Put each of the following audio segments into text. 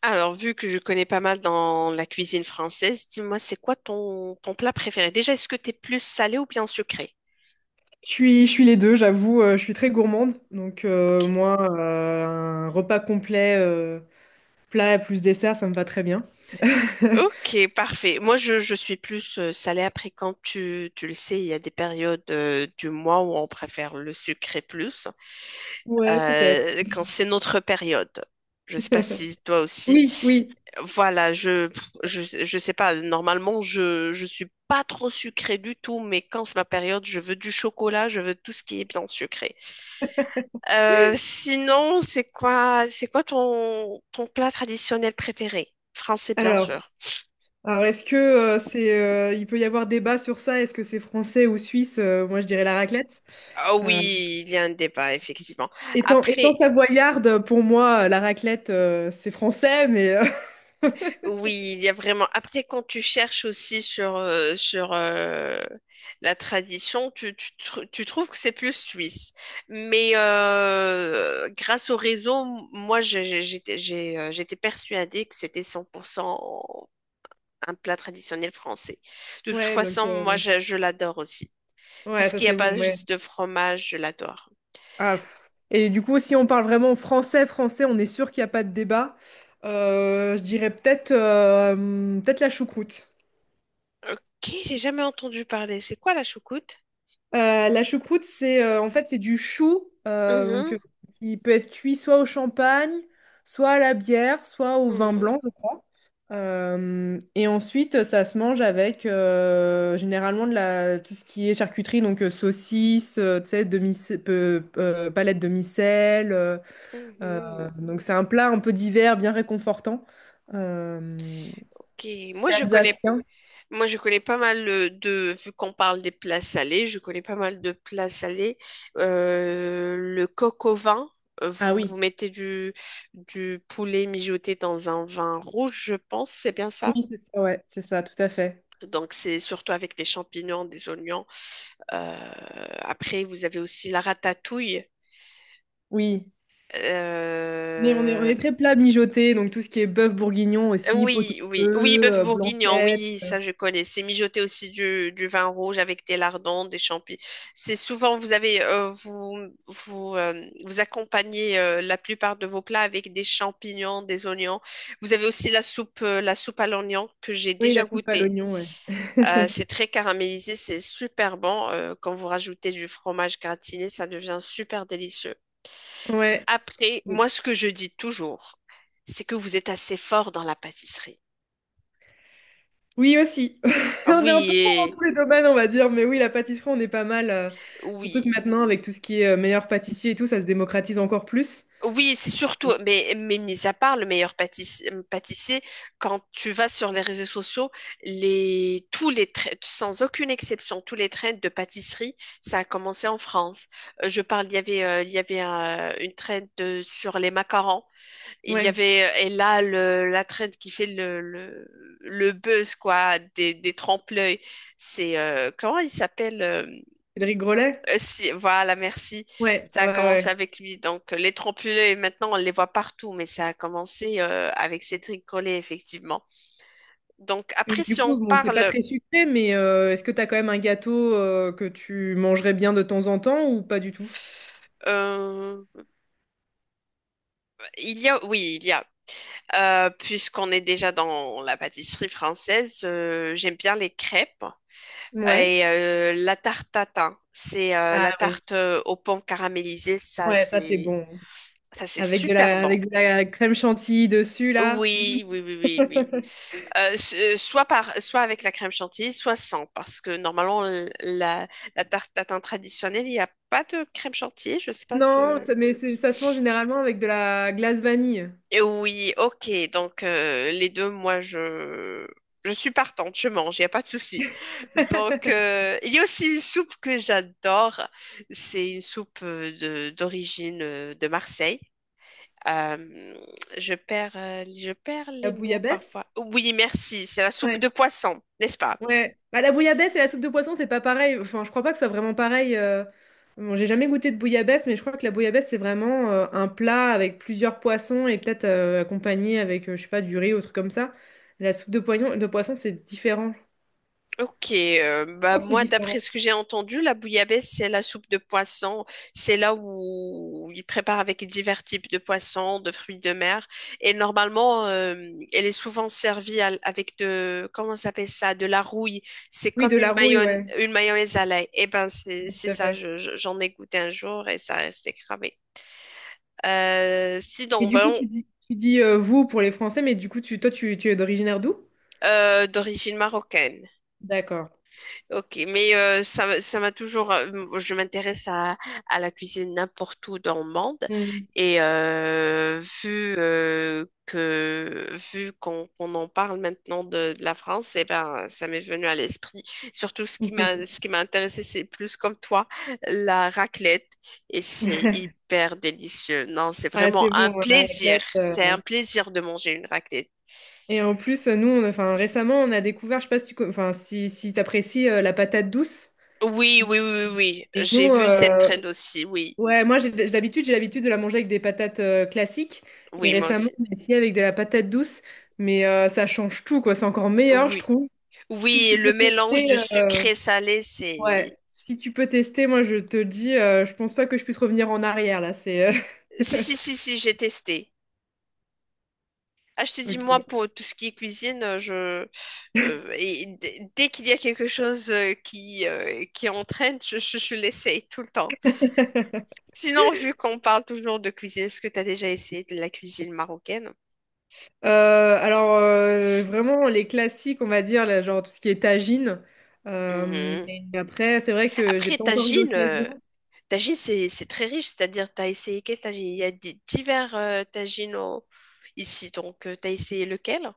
Alors, vu que je connais pas mal dans la cuisine française, dis-moi, c'est quoi ton plat préféré? Déjà, est-ce que t'es plus salé ou bien sucré? Je suis les deux, j'avoue, je suis très gourmande. Donc Ok. moi, un repas complet, plat plus dessert, ça me va très bien. Ok, parfait. Moi, je suis plus salée. Après, quand tu le sais, il y a des périodes du mois où on préfère le sucré plus, Ouais, peut-être. Quand c'est notre période. Je sais pas si toi aussi. Oui, oui. Voilà, je sais pas. Normalement, je suis pas trop sucrée du tout, mais quand c'est ma période, je veux du chocolat, je veux tout ce qui est bien sucré. Sinon, c'est quoi ton plat traditionnel préféré? Français, bien Alors, sûr. alors est-ce que c'est, il peut y avoir débat sur ça? Est-ce que c'est français ou suisse? Moi, je dirais la raclette. Ah Euh, oui, il y a un débat, effectivement. étant Après, savoyarde, pour moi, la raclette, c'est français, mais oui, il y a vraiment. Après, quand tu cherches aussi sur, sur la tradition, tu trouves que c'est plus suisse. Mais grâce au réseau, moi, j'étais persuadée que c'était 100% un plat traditionnel français. De toute ouais, donc façon, moi, euh, je l'adore aussi. Tout ouais, ce ça qui est à c'est bon. Ouais. base de fromage, je l'adore. Ah, pff. Et du coup, si on parle vraiment français, français, on est sûr qu'il n'y a pas de débat. Je dirais peut-être la choucroute. Ok, j'ai jamais entendu parler. C'est quoi la choucroute? La choucroute, c'est en fait c'est du chou euh, donc, Mhm, euh, qui peut être cuit soit au champagne, soit à la bière, soit au vin mhm, blanc, je crois. Et ensuite, ça se mange avec généralement de la tout ce qui est charcuterie, donc saucisses, tu sais, demi palettes de demi. Euh, mhm. donc c'est un plat un peu divers, bien réconfortant. Euh, Ok, moi c'est je connais, alsacien. moi je connais pas mal de, vu qu'on parle des plats salés, je connais pas mal de plats salés. Le coq au vin, Ah vous oui, vous mettez du poulet mijoté dans un vin rouge, je pense, c'est bien ça? oui, c'est ça, ouais, c'est ça, tout à fait. Donc c'est surtout avec des champignons, des oignons. Euh, Après vous avez aussi la ratatouille. Oui. Mais on est, on Euh, est très plat mijoté, donc tout ce qui est bœuf bourguignon aussi, pot au Oui, oui, oui, feu, bœuf bourguignon, blanquette. oui, ça je connais. C'est mijoter aussi du vin rouge avec des lardons, des champignons. C'est souvent, vous avez, vous accompagnez la plupart de vos plats avec des champignons, des oignons. Vous avez aussi la soupe à l'oignon que j'ai Oui, déjà la soupe à goûtée. l'oignon, ouais. C'est très caramélisé, c'est super bon. Quand vous rajoutez du fromage gratiné, ça devient super délicieux. Ouais. Après, moi, ce que je dis toujours, c'est que vous êtes assez fort dans la pâtisserie. Oui aussi. On est un Oui, peu fort dans et tous les domaines, on va dire, mais oui, la pâtisserie, on est pas mal. Surtout que oui, maintenant, avec tout ce qui est meilleur pâtissier et tout, ça se démocratise encore plus. oui, c'est surtout, mais mis à part le pâtissier, quand tu vas sur les réseaux sociaux, les, tous les traits, sans aucune exception, tous les trends de pâtisserie, ça a commencé en France. Je parle, il y avait une sur les macarons. Il y Ouais. avait et là la trend qui fait le buzz quoi des trempe-l'œil c'est comment il s'appelle Cédric Grolet? Voilà merci Ouais, ouais, ça a commencé ouais. avec lui donc les trempe-l'œil maintenant on les voit partout mais ça a commencé avec Cédric Collet effectivement donc Mais après du si coup, on bon, t'es pas parle très sucré, mais est-ce que t'as quand même un gâteau que tu mangerais bien de temps en temps ou pas du tout? euh, il y a puisqu'on est déjà dans la pâtisserie française j'aime bien les crêpes. Ouais. Et la tarte tatin, c'est Ah la oui. tarte aux pommes caramélisées, ça Ouais, ça c'est c'est, bon. ça c'est super bon. Avec de la crème chantilly dessus, là. Oui, oui, oui, oui, oui. Soit par soit avec la crème chantilly, soit sans, parce que normalement la, la tarte tatin traditionnelle, il n'y a pas de crème chantilly. Je sais pas, Non, ça- mais c'est- ça se mange généralement avec de la glace vanille. et oui, ok. Donc, les deux, moi, je suis partante, je mange, il n'y a pas de souci. Donc, il y a aussi une soupe que j'adore. C'est une soupe d'origine de Marseille. Euh, je perds La les mots bouillabaisse? parfois. Oui, merci. C'est la soupe de Ouais. poisson, n'est-ce pas? Ouais. Bah, la bouillabaisse et la soupe de poisson, c'est pas pareil. Enfin, je crois pas que ce soit vraiment pareil. Bon, j'ai jamais goûté de bouillabaisse, mais je crois que la bouillabaisse, c'est vraiment un plat avec plusieurs poissons et peut-être accompagné avec, je sais pas, du riz ou truc comme ça. La soupe de poisson, c'est différent. Je Ok, bah crois que c'est moi, différent. d'après ce que j'ai entendu, la bouillabaisse, c'est la soupe de poisson. C'est là où ils préparent avec divers types de poissons, de fruits de mer. Et normalement, elle est souvent avec de, comment ça s'appelle ça, de la rouille. C'est Oui, de comme la rouille, ouais. une mayonnaise à l'ail. Eh ben, c'est Tout à ça, fait. J'en ai goûté un jour et ça restait cramé. Euh, Et sinon, du coup, bon, tu dis vous pour les Français, mais du coup, tu, toi, tu es d'originaire d'où? D'origine marocaine. D'accord. Ok, mais ça, ça m'a toujours. Je m'intéresse à la cuisine n'importe où dans le monde. Hmm. Et vu qu'on en parle maintenant de la France, eh ben, ça m'est venu à l'esprit. Surtout ce qui m'a intéressé, c'est plus comme toi, la raclette. Et c'est hyper délicieux. Non, c'est Ah, c'est vraiment un bon, la plaisir. raclette. C'est un plaisir de manger une raclette. Et en plus, nous, on a- enfin, récemment, on a découvert, je sais pas si tu, co- enfin, si, si t'apprécies la patate douce. Oui, oui, oui, oui. Oui. Et J'ai nous, vu cette trend aussi. Oui, ouais, moi, j'ai d'habitude, j'ai l'habitude de la manger avec des patates classiques. Et oui, moi récemment, aussi. on a essayé avec de la patate douce. Mais ça change tout, quoi. C'est encore meilleur, je Oui. trouve. Si Oui, tu peux le mélange tester, de euh, sucré salé, c'est... ouais. Si tu peux tester, moi, je te dis, je pense pas que je puisse revenir en arrière, là. C'est, Si, si, si, si, j'ai testé. Ah, je te dis, moi, pour tout ce qui est cuisine, dès qu'il y a quelque chose qui entraîne, je l'essaye tout le temps. ok. Sinon, vu qu'on parle toujours de cuisine, est-ce que tu as déjà essayé de la cuisine marocaine? Alors vraiment les classiques on va dire là, genre tout ce qui est tagine. Mhm. Et après c'est vrai que j'ai Après, pas encore eu l'occasion. Tagine, c'est très riche, c'est-à-dire, tu as essayé quel tagine? Il y a divers tagines ici, donc, tu as essayé lequel?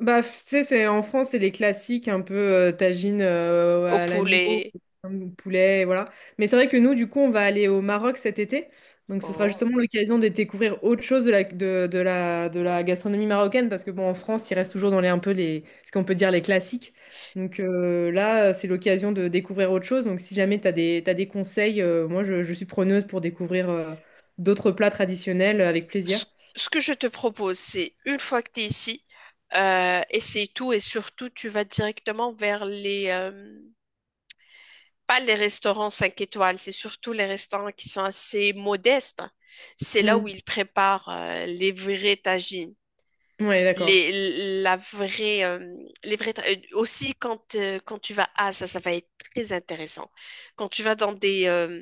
Bah, tu sais, c'est, en France, c'est les classiques, un peu tagine Au à l'agneau, poulet. Poulet, et voilà. Mais c'est vrai que nous, du coup, on va aller au Maroc cet été. Donc, ce sera justement l'occasion de découvrir autre chose de la gastronomie marocaine, parce que, bon, en France, il reste toujours dans les, un peu les, ce qu'on peut dire les classiques. Donc, là, c'est l'occasion de découvrir autre chose. Donc, si jamais tu as des, t'as des conseils, moi, je suis preneuse pour découvrir d'autres plats traditionnels avec ce plaisir. Ce que je te propose, c'est une fois que tu es ici, essaye tout et surtout, tu vas directement vers les, pas les restaurants 5 étoiles, c'est surtout les restaurants qui sont assez modestes. C'est là Mm. où ils préparent les vraies tagines. Ouais, d'accord. La vraie, aussi quand, quand tu vas, ah ça, ça va être très intéressant. Quand tu vas dans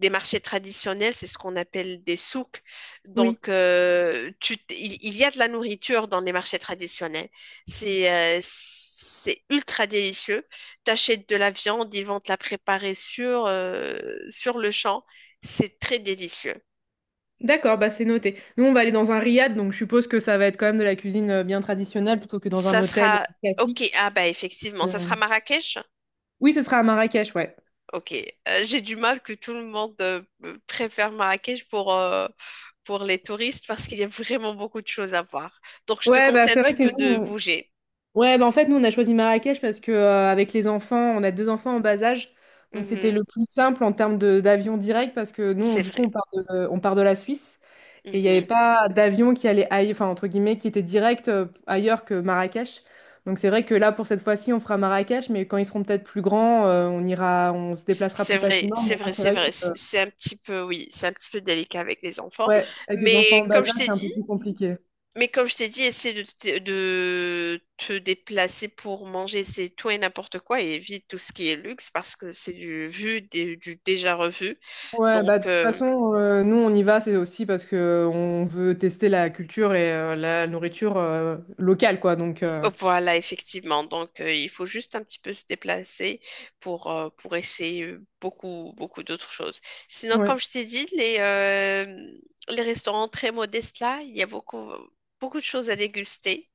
des marchés traditionnels, c'est ce qu'on appelle des souks. Oui. Donc, il y a de la nourriture dans les marchés traditionnels. C'est ultra délicieux. Tu achètes de la viande, ils vont te la préparer sur, sur le champ. C'est très délicieux. D'accord, bah c'est noté. Nous, on va aller dans un riad, donc je suppose que ça va être quand même de la cuisine bien traditionnelle plutôt que dans un Ça hôtel sera, ok, classique. ah bah effectivement, Euh, ça sera Marrakech. Oui, ce sera à Marrakech, ouais. Ok, j'ai du mal que tout le monde préfère Marrakech pour les touristes parce qu'il y a vraiment beaucoup de choses à voir. Donc, je te Ouais, bah conseille un c'est petit vrai que peu de nous, bouger. on- ouais, bah en fait, nous, on a choisi Marrakech parce que avec les enfants, on a deux enfants en bas âge, donc c'était Mhm. le plus simple en termes de d'avion direct parce que nous, on- C'est du coup, vrai. On part de la Suisse. Et il n'y avait Mhm. pas d'avion qui allait aille- enfin, entre guillemets, qui était direct ailleurs que Marrakech. Donc c'est vrai que là, pour cette fois-ci, on fera Marrakech, mais quand ils seront peut-être plus grands, on ira, on se déplacera C'est plus vrai, facilement. c'est Mais là, vrai, c'est c'est vrai que, vrai. C'est un petit peu, oui, c'est un petit peu délicat avec les enfants. ouais, avec des enfants en Mais bas âge, comme je t'ai c'est un peu dit, plus compliqué. mais comme je t'ai dit, essaie de, de te déplacer pour manger, c'est tout et n'importe quoi et évite tout ce qui est luxe parce que c'est du vu, du déjà revu. Ouais, bah, Donc, de toute euh, façon, nous, on y va, c'est aussi parce que on veut tester la culture et la nourriture locale, quoi. Donc, Voilà, effectivement. Donc, il faut juste un petit peu se déplacer pour essayer beaucoup, beaucoup d'autres choses. Sinon, ouais. comme je t'ai dit, les restaurants très modestes là, il y a beaucoup, beaucoup de choses à déguster.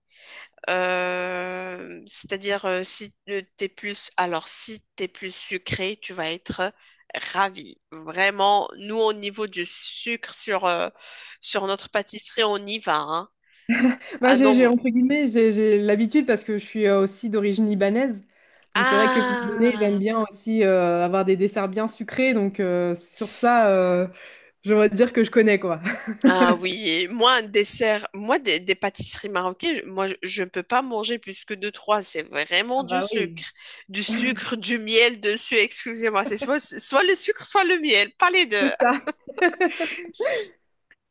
C'est-à-dire, si t'es plus, alors si t'es plus sucré, tu vas être ravi. Vraiment, nous, au niveau du sucre sur, sur notre pâtisserie, on y va, hein. Bah, Ah non, j'ai, moi, entre guillemets, j'ai l'habitude parce que je suis aussi d'origine libanaise. Donc c'est vrai que les Libanais, ils aiment ah! bien aussi avoir des desserts bien sucrés. Donc sur ça, j'aimerais dire que je connais quoi. Ah oui, et moi, un dessert, moi, des pâtisseries marocaines, je ne peux pas manger plus que deux, trois. C'est vraiment Ah du bah sucre. oui. Du sucre, du miel dessus, excusez-moi. C'est soit, soit le sucre, soit le miel, pas les deux. C'est ça.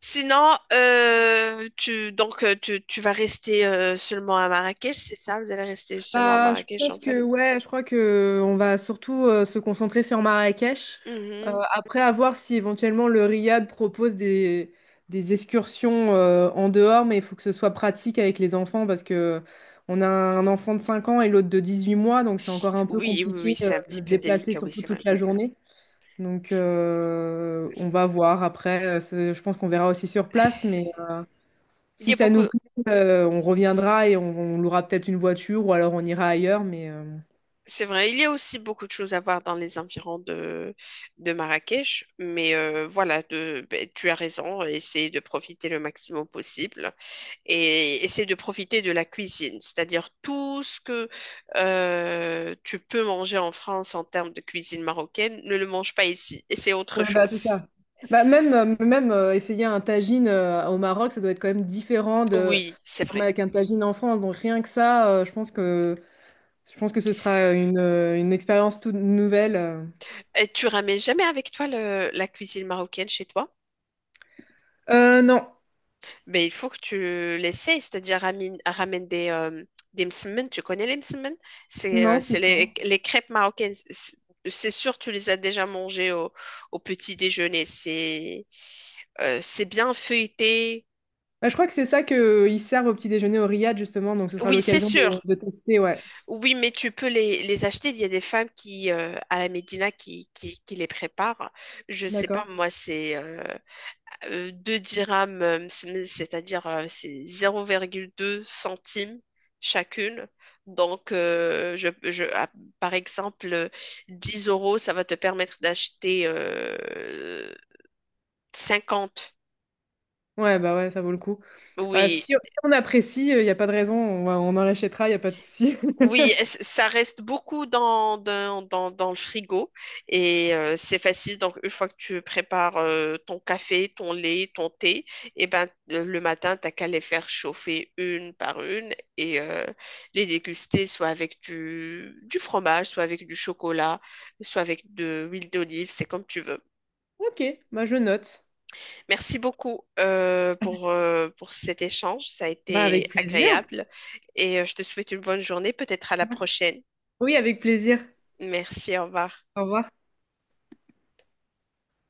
Sinon, tu vas rester seulement à Marrakech, c'est ça? Vous allez rester seulement à Bah, je Marrakech pense en que famille? ouais, je crois que on va surtout se concentrer sur Marrakech. Mhm. Après, à voir si éventuellement le Riad propose des excursions en dehors, mais il faut que ce soit pratique avec les enfants parce que on a un enfant de 5 ans et l'autre de 18 mois, donc c'est encore un peu Oui, oui, oui, compliqué c'est un petit de se peu déplacer délicat, oui, surtout c'est vrai. toute la journée. Donc on va voir. Après, c'est- je pense qu'on verra aussi sur place, mais Il y si a ça beaucoup. nous plaît, on reviendra et on louera peut-être une voiture ou alors on ira ailleurs, mais C'est vrai, il y a aussi beaucoup de choses à voir dans les environs de Marrakech, mais voilà, de, ben, tu as raison, essayer de profiter le maximum possible et essayer de profiter de la cuisine, c'est-à-dire tout ce que tu peux manger en France en termes de cuisine marocaine, ne le mange pas ici, et c'est autre ouais, bah, c'est chose. ça. Bah, même essayer un tagine au Maroc, ça doit être quand même différent de Oui, c'est vrai. avec un tagine en France. Donc rien que ça, je pense que ce sera une expérience toute nouvelle. Et tu ramènes jamais avec toi la cuisine marocaine chez toi? Non, Mais il faut que tu l'essayes, c'est-à-dire ramène, ramène des msemen. Tu connais les msemen? Non, c'est C'est quoi? les crêpes marocaines. C'est sûr, tu les as déjà mangées au, au petit déjeuner. C'est bien feuilleté. Bah, je crois que c'est ça que ils servent au petit déjeuner au Riad justement. Donc ce sera Oui, c'est l'occasion sûr. de tester. Ouais, Oui, mais tu peux les acheter. Il y a des femmes qui, à la Médina qui les préparent. Je sais pas, d'accord. moi, c'est. 2 dirhams, c'est-à-dire c'est 0,2 centimes chacune. Donc, par exemple, 10 euros, ça va te permettre d'acheter 50. Ouais, bah ouais, ça vaut le coup. Ouais, Oui, si, si on apprécie, il n'y a pas de raison, on, va- on en achètera, il n'y a pas de souci. oui, ça reste beaucoup dans, dans, dans, dans le frigo et c'est facile. Donc, une fois que tu prépares ton café, ton lait, ton thé, et ben, le matin, t'as qu'à les faire chauffer une par une et les déguster soit avec du fromage, soit avec du chocolat, soit avec de l'huile d'olive, c'est comme tu veux. Ok, bah je note. Merci beaucoup pour cet échange, ça a Bah été avec plaisir. agréable et je te souhaite une bonne journée, peut-être à la Merci. prochaine. Oui, avec plaisir. Merci, au revoir. Au revoir.